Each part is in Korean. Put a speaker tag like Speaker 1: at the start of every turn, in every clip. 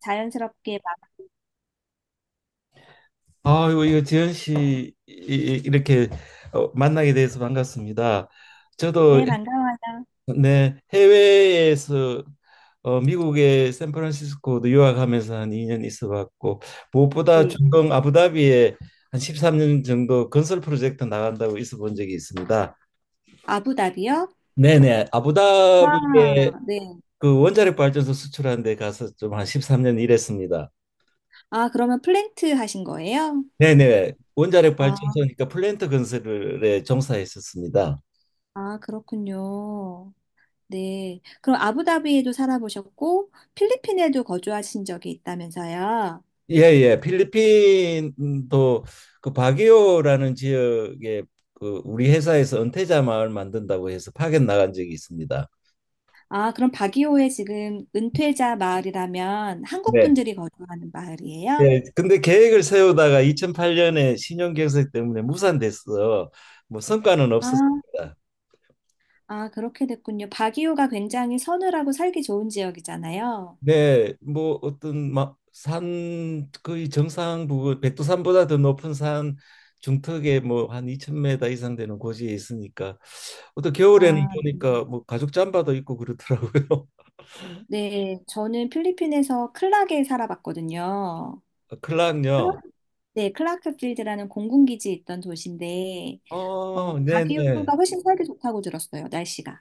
Speaker 1: 자연스럽게 막,
Speaker 2: 아이고, 이거 지현 씨 이렇게 만나게 돼서 반갑습니다. 저도.
Speaker 1: 네, 반가워요.
Speaker 2: 네, 해외에서 미국의 샌프란시스코도 유학하면서 한 2년 있어봤고, 무엇보다
Speaker 1: 네.
Speaker 2: 중동 아부다비에 한 13년 정도 건설 프로젝트 나간다고 있어본 적이 있습니다.
Speaker 1: 아부다비요?
Speaker 2: 네네 아부다비에
Speaker 1: 와, 네.
Speaker 2: 그 원자력 발전소 수출하는 데 가서 좀 한 13년 일했습니다.
Speaker 1: 아, 그러면 플랭트 하신 거예요?
Speaker 2: 네네 원자력
Speaker 1: 아,
Speaker 2: 발전소니까 플랜트 건설에 종사했었습니다.
Speaker 1: 아, 그렇군요. 네. 그럼 아부다비에도 살아보셨고, 필리핀에도 거주하신 적이 있다면서요?
Speaker 2: 예, 예. 필리핀도 그 바기오라는 지역에 그 우리 회사에서 은퇴자 마을 만든다고 해서 파견 나간 적이 있습니다.
Speaker 1: 아, 그럼 바기오에 지금 은퇴자 마을이라면 한국
Speaker 2: 네.
Speaker 1: 분들이 거주하는 마을이에요?
Speaker 2: 예. 근데 계획을 세우다가 2008년에 신용 경색 때문에 무산됐어. 뭐 성과는
Speaker 1: 아,
Speaker 2: 없었습니다.
Speaker 1: 아, 그렇게 됐군요. 바기오가 굉장히 서늘하고 살기 좋은 지역이잖아요.
Speaker 2: 네. 뭐 어떤 막산 거의 정상 부근 백두산보다 더 높은 산 중턱에 뭐 한2천메0 이상 되는 고지에 있으니까, 어떤 겨울에는
Speaker 1: 아,
Speaker 2: 보니까 뭐 가죽 잠바도 입고 그러더라고요.
Speaker 1: 네, 저는 필리핀에서 클락에 살아봤거든요.
Speaker 2: 어,
Speaker 1: 클
Speaker 2: 클락요.
Speaker 1: 네, 클라크필드라는 공군기지에 있던 도시인데, 어,
Speaker 2: 어, 네네.
Speaker 1: 바기우가 훨씬 살기 좋다고 들었어요, 날씨가.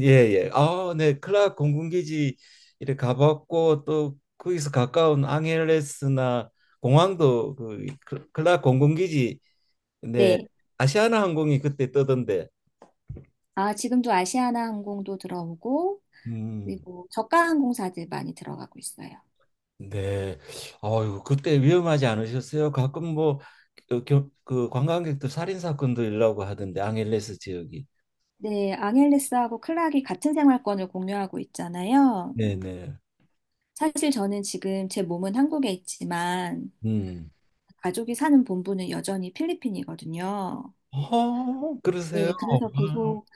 Speaker 2: 예예. 아, 네. 클락 공군기지 이렇게 가봤고, 또 거기서 가까운 앙헬레스나 공항도 그 클락 공군기지. 네.
Speaker 1: 네.
Speaker 2: 아시아나 항공이 그때 뜨던데.
Speaker 1: 아, 지금도 아시아나 항공도 들어오고,
Speaker 2: 음.
Speaker 1: 그리고 저가 항공사들 많이 들어가고 있어요.
Speaker 2: 네. 아유, 그때 위험하지 않으셨어요? 가끔 뭐 그 관광객들 살인 사건도 일라고 하던데, 앙헬레스 지역이.
Speaker 1: 네, 앙헬레스하고 클락이 같은 생활권을 공유하고 있잖아요.
Speaker 2: 네네.
Speaker 1: 사실 저는 지금 제 몸은 한국에 있지만,
Speaker 2: 음.
Speaker 1: 가족이 사는 본부는 여전히 필리핀이거든요.
Speaker 2: 그러세요?
Speaker 1: 네, 그래서
Speaker 2: 아,
Speaker 1: 계속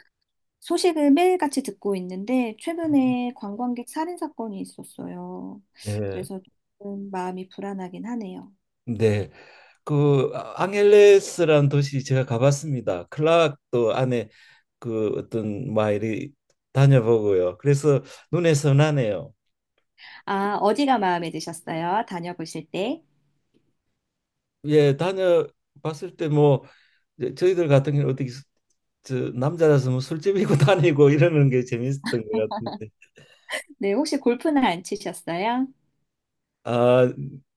Speaker 1: 소식을 매일같이 듣고 있는데 최근에 관광객 살인 사건이 있었어요.
Speaker 2: 네.
Speaker 1: 그래서 조금 마음이 불안하긴 하네요.
Speaker 2: 네. 그, 아, 앙헬레스라는 도시 제가 가봤습니다. 클락도 안에 그 어떤 마을이 다녀보고요. 그래서 눈에 선하네요.
Speaker 1: 아, 어디가 마음에 드셨어요? 다녀보실 때?
Speaker 2: 예, 다녀봤을 때 뭐 저희들 같은 경우 어떻게 저 남자라서 뭐 술집이고 다니고 이러는 게 재밌었던 것 같은데.
Speaker 1: 네, 혹시 골프는 안 치셨어요?
Speaker 2: 아,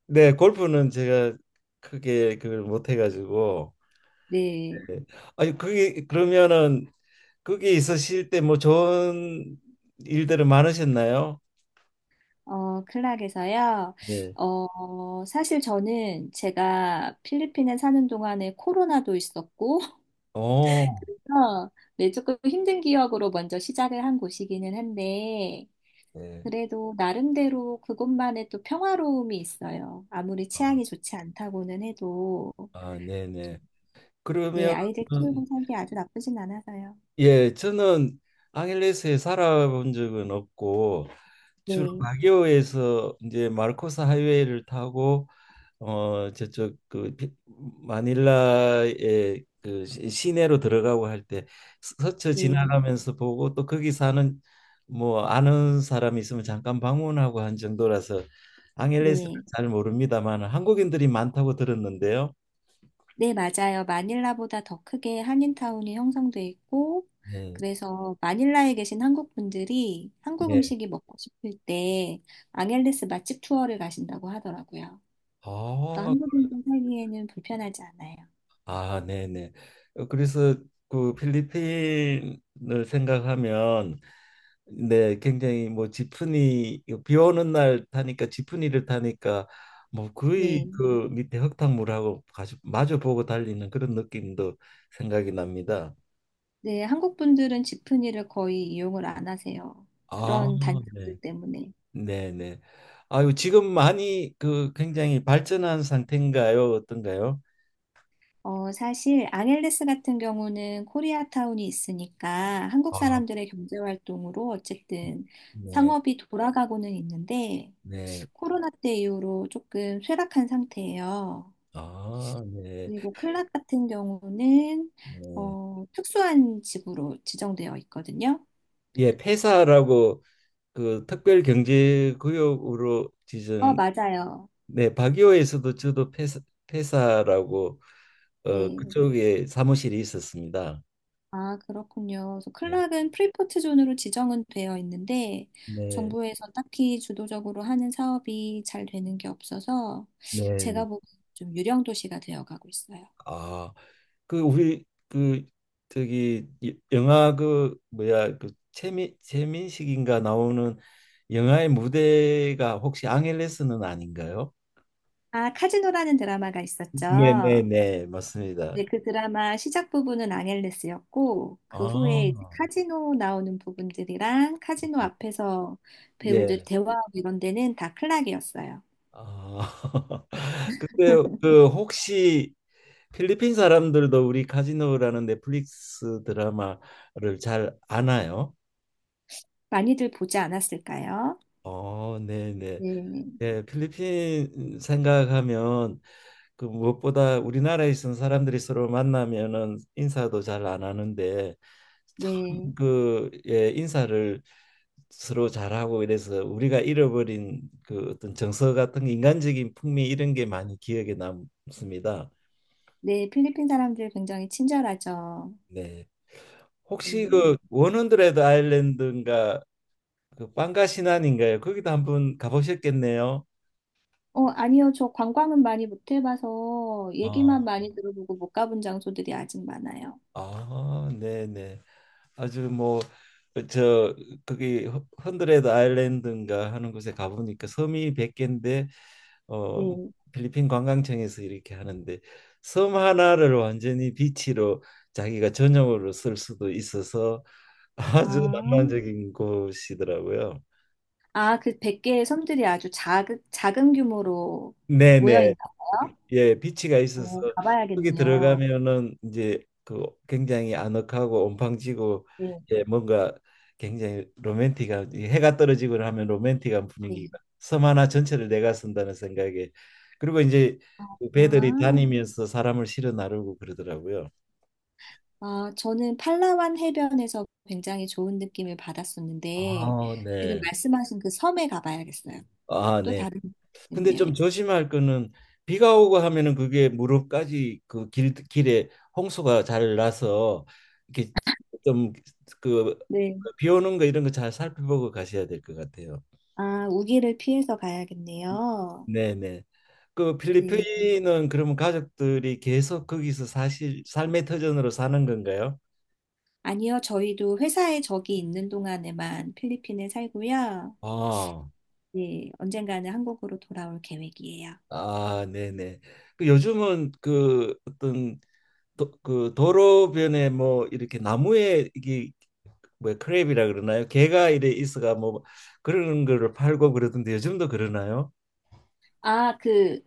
Speaker 2: 네, 골프는 제가 크게 그걸 못 해가지고.
Speaker 1: 네.
Speaker 2: 네. 아니, 그게 그러면은 거기 있으실 때 뭐 좋은 일들은 많으셨나요?
Speaker 1: 어, 클락에서요.
Speaker 2: 네.
Speaker 1: 어, 사실 저는 제가 필리핀에 사는 동안에 코로나도 있었고,
Speaker 2: 오,
Speaker 1: 그래서 네, 조금 힘든 기억으로 먼저 시작을 한 곳이기는 한데,
Speaker 2: 네.
Speaker 1: 그래도 나름대로 그것만의 또 평화로움이 있어요. 아무리
Speaker 2: 아,
Speaker 1: 취향이 좋지 않다고는 해도,
Speaker 2: 아, 네네.
Speaker 1: 네,
Speaker 2: 그러면,
Speaker 1: 아이들
Speaker 2: 음,
Speaker 1: 키우고 살기 아주 나쁘진 않아서요.
Speaker 2: 예, 저는 앙헬레스에 살아본 적은 없고, 주로
Speaker 1: 네,
Speaker 2: 바기오에서 이제 마르코스 하이웨이를 타고, 저쪽 그 마닐라의 그 시내로 들어가고 할 때 스쳐
Speaker 1: 네,
Speaker 2: 지나가면서 보고, 또 거기 사는 뭐 아는 사람이 있으면 잠깐 방문하고 한 정도라서 앙헬레스는
Speaker 1: 네.
Speaker 2: 잘 모릅니다만, 한국인들이 많다고 들었는데요.
Speaker 1: 네, 맞아요. 마닐라보다 더 크게 한인타운이 형성돼 있고,
Speaker 2: 네,
Speaker 1: 그래서 마닐라에 계신 한국 분들이 한국
Speaker 2: 네.
Speaker 1: 음식이 먹고 싶을 때 앙헬레스 맛집 투어를 가신다고 하더라고요. 그래서
Speaker 2: 아,
Speaker 1: 한국인들 살기에는 불편하지 않아요.
Speaker 2: 아, 네, 네. 그래서 그 필리핀을 생각하면, 네, 굉장히 뭐 지프니, 비 오는 날 타니까 지프니를 타니까 뭐 거의
Speaker 1: 네.
Speaker 2: 그 밑에 흙탕물하고 가시, 마주 보고 달리는 그런 느낌도 생각이 납니다.
Speaker 1: 네, 한국 분들은 지프니를 거의 이용을 안 하세요.
Speaker 2: 아,
Speaker 1: 그런
Speaker 2: 네,
Speaker 1: 단점들 때문에.
Speaker 2: 네, 네. 아유, 지금 많이 그 굉장히 발전한 상태인가요? 어떤가요?
Speaker 1: 어, 사실 앙헬레스 같은 경우는 코리아타운이 있으니까 한국
Speaker 2: 아,
Speaker 1: 사람들의 경제 활동으로 어쨌든
Speaker 2: 네,
Speaker 1: 상업이 돌아가고는 있는데
Speaker 2: 네.
Speaker 1: 코로나 때 이후로 조금 쇠락한 상태예요.
Speaker 2: 아, 네.
Speaker 1: 그리고 클락 같은 경우는
Speaker 2: 네.
Speaker 1: 어, 특수한 집으로 지정되어 있거든요.
Speaker 2: 예, 폐사라고 그 특별경제구역으로
Speaker 1: 어,
Speaker 2: 지정.
Speaker 1: 맞아요.
Speaker 2: 네, 박이호에서도 저도 회사, 회사라고
Speaker 1: 네.
Speaker 2: 그쪽에 사무실이 있었습니다.
Speaker 1: 아, 그렇군요. 그래서
Speaker 2: 네,
Speaker 1: 클락은 프리포트 존으로 지정은 되어 있는데
Speaker 2: 네,
Speaker 1: 정부에서 딱히 주도적으로 하는 사업이 잘 되는 게 없어서
Speaker 2: 네. 네.
Speaker 1: 제가 보기엔 좀 유령 도시가 되어 가고 있어요.
Speaker 2: 아, 그 우리 그 저기 영화 그 뭐야, 그 최민식인가 나오는 영화의 무대가 혹시 앙헬레스는 아닌가요?
Speaker 1: 아, 카지노라는 드라마가 있었죠.
Speaker 2: 네, 네, 네, 맞습니다.
Speaker 1: 네, 그 드라마 시작 부분은 앙헬레스였고 그
Speaker 2: 아,
Speaker 1: 후에 이제 카지노 나오는 부분들이랑 카지노
Speaker 2: 네.
Speaker 1: 앞에서
Speaker 2: 네.
Speaker 1: 배우들 대화하고 이런 데는 다 클락이었어요.
Speaker 2: 아, 근데 그 혹시 필리핀 사람들도 우리 카지노라는 넷플릭스 드라마를 잘 아나요?
Speaker 1: 많이들 보지 않았을까요?
Speaker 2: 어, 네네.
Speaker 1: 네,
Speaker 2: 예, 필리핀 생각하면 그 무엇보다 우리나라에 있는 사람들이 서로 만나면은 인사도 잘 안 하는데, 참
Speaker 1: 네.
Speaker 2: 그 예, 인사를 서로 잘하고 이래서 우리가 잃어버린 그 어떤 정서 같은 게, 인간적인 풍미 이런 게 많이 기억에 남습니다.
Speaker 1: 네, 필리핀 사람들 굉장히 친절하죠.
Speaker 2: 네. 혹시
Speaker 1: 음.
Speaker 2: 그 원헌드레드 아일랜드인가 그 빵가 신안인가요? 거기도 한번 가보셨겠네요.
Speaker 1: 어, 아니요. 저 관광은 많이 못 해봐서 얘기만
Speaker 2: 아,
Speaker 1: 많이 들어보고 못 가본 장소들이 아직 많아요.
Speaker 2: 아, 네네. 아주 뭐 저, 거기 헌드레드 아일랜드인가 하는 곳에 가보니까 섬이 100개인데, 어
Speaker 1: 네.
Speaker 2: 필리핀 관광청에서 이렇게 하는데, 섬 하나를 완전히 비치로 자기가 전용으로 쓸 수도 있어서 아주
Speaker 1: 아,
Speaker 2: 낭만적인 곳이더라고요.
Speaker 1: 아, 그 100개의 섬들이 아주 작은, 작은 규모로 모여
Speaker 2: 네네.
Speaker 1: 있나 봐요?
Speaker 2: 예, 비치가 있어서
Speaker 1: 오,
Speaker 2: 거기
Speaker 1: 가봐야겠네요.
Speaker 2: 들어가면은 이제 그 굉장히 아늑하고 온팡지고,
Speaker 1: 네,
Speaker 2: 예, 뭔가 굉장히 로맨틱한, 이 해가 떨어지고 하면 로맨틱한
Speaker 1: 네.
Speaker 2: 분위기가 섬 하나 전체를 내가 쓴다는 생각에. 그리고 이제 그 배들이
Speaker 1: 아,
Speaker 2: 다니면서 사람을 실어 나르고 그러더라고요.
Speaker 1: 아, 저는 팔라완 해변에서 굉장히 좋은 느낌을 받았었는데,
Speaker 2: 아,
Speaker 1: 지금
Speaker 2: 네.
Speaker 1: 말씀하신 그 섬에 가봐야겠어요.
Speaker 2: 아,
Speaker 1: 또
Speaker 2: 네.
Speaker 1: 다른
Speaker 2: 근데
Speaker 1: 느낌이네요.
Speaker 2: 좀 조심할 거는, 비가 오고 하면은 그게 무릎까지 그 길 길에 홍수가 잘 나서, 이렇게
Speaker 1: 네.
Speaker 2: 좀그비 오는 거 이런 거 잘 살펴보고 가셔야 될 것 같아요.
Speaker 1: 아, 우기를 피해서 가야겠네요.
Speaker 2: 네네. 그
Speaker 1: 네.
Speaker 2: 필리핀은 그러면 가족들이 계속 거기서 사실 삶의 터전으로 사는 건가요?
Speaker 1: 아니요, 저희도 회사에 적이 있는 동안에만 필리핀에 살고요.
Speaker 2: 아,
Speaker 1: 네, 언젠가는 한국으로 돌아올 계획이에요.
Speaker 2: 아, 네네. 그 요즘은 그 어떤 그 도로변에 뭐 이렇게 나무에 이게 뭐 크랩이라 그러나요? 게가 이래 있어가 뭐 그런 거를 팔고 그러던데 요즘도 그러나요?
Speaker 1: 아, 그,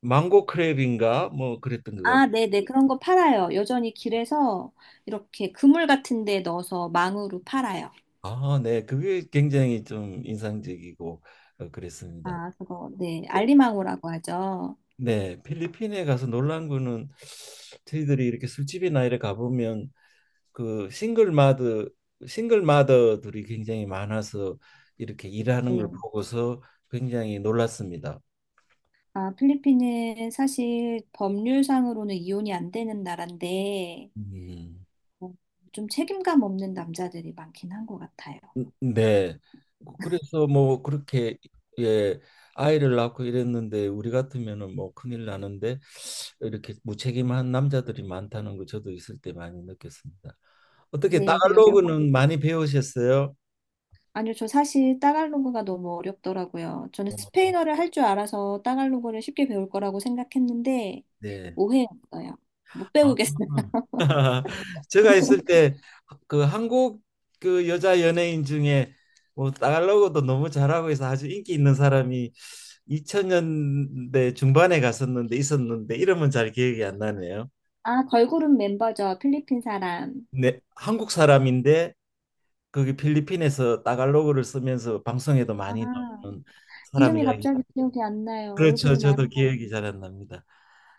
Speaker 2: 망고 크랩인가 뭐 그랬던 것 같아요.
Speaker 1: 아, 네네, 그런 거 팔아요. 여전히 길에서 이렇게 그물 같은 데 넣어서 망으로 팔아요.
Speaker 2: 아, 네. 그게 굉장히 좀 인상적이고 그랬습니다.
Speaker 1: 아, 그거, 네, 알리망우라고 하죠.
Speaker 2: 네, 필리핀에 가서 놀란 거는, 저희들이 이렇게 술집이나 이래 가보면 그 싱글 마더들이 굉장히 많아서 이렇게 일하는 걸
Speaker 1: 네.
Speaker 2: 보고서 굉장히 놀랐습니다.
Speaker 1: 아, 필리핀은 사실 법률상으로는 이혼이 안 되는 나라인데,
Speaker 2: 음.
Speaker 1: 어, 좀 책임감 없는 남자들이 많긴 한 것 같아요.
Speaker 2: 네. 그래서 뭐 그렇게 예, 아이를 낳고 이랬는데 우리 같으면은 뭐 큰일 나는데, 이렇게 무책임한 남자들이 많다는 거 저도 있을 때 많이 느꼈습니다. 어떻게
Speaker 1: 네, 그래서 여성분들.
Speaker 2: 따갈로그는 많이 배우셨어요?
Speaker 1: 아니요, 저 사실 따갈로그가 너무 어렵더라고요. 저는
Speaker 2: 어,
Speaker 1: 스페인어를 할 줄 알아서 따갈로그를 쉽게 배울 거라고 생각했는데
Speaker 2: 네.
Speaker 1: 오해였어요. 못
Speaker 2: 아.
Speaker 1: 배우겠어요.
Speaker 2: 제가 있을 때 그 한국 그 여자 연예인 중에 뭐 달러고도 너무 잘하고 해서 아주 인기 있는 사람이 2000년대 중반에 갔었는데 있었는데, 이름은 잘 기억이 안 나네요.
Speaker 1: 아, 걸그룹 멤버죠. 필리핀 사람.
Speaker 2: 네, 한국 사람인데 거기 필리핀에서 따갈로그를 쓰면서 방송에도
Speaker 1: 아,
Speaker 2: 많이 나오는 사람
Speaker 1: 이름이
Speaker 2: 이야기.
Speaker 1: 갑자기 기억이 안 나요.
Speaker 2: 그렇죠.
Speaker 1: 얼굴은
Speaker 2: 저도 기억이
Speaker 1: 아름다운데.
Speaker 2: 잘 안 납니다.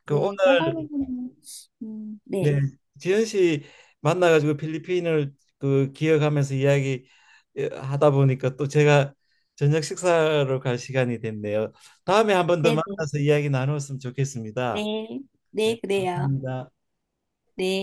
Speaker 2: 그
Speaker 1: 네,
Speaker 2: 오늘,
Speaker 1: 따갈로그는 네.
Speaker 2: 네, 지현 씨 만나가지고 필리핀을 그 기억하면서 이야기, 예, 하다 보니까 또 제가 저녁 식사로 갈 시간이 됐네요. 다음에 한 번 더
Speaker 1: 네, 네,
Speaker 2: 만나서 이야기 나누었으면 좋겠습니다.
Speaker 1: 네.
Speaker 2: 네,
Speaker 1: 네, 그래요.
Speaker 2: 감사합니다.
Speaker 1: 네.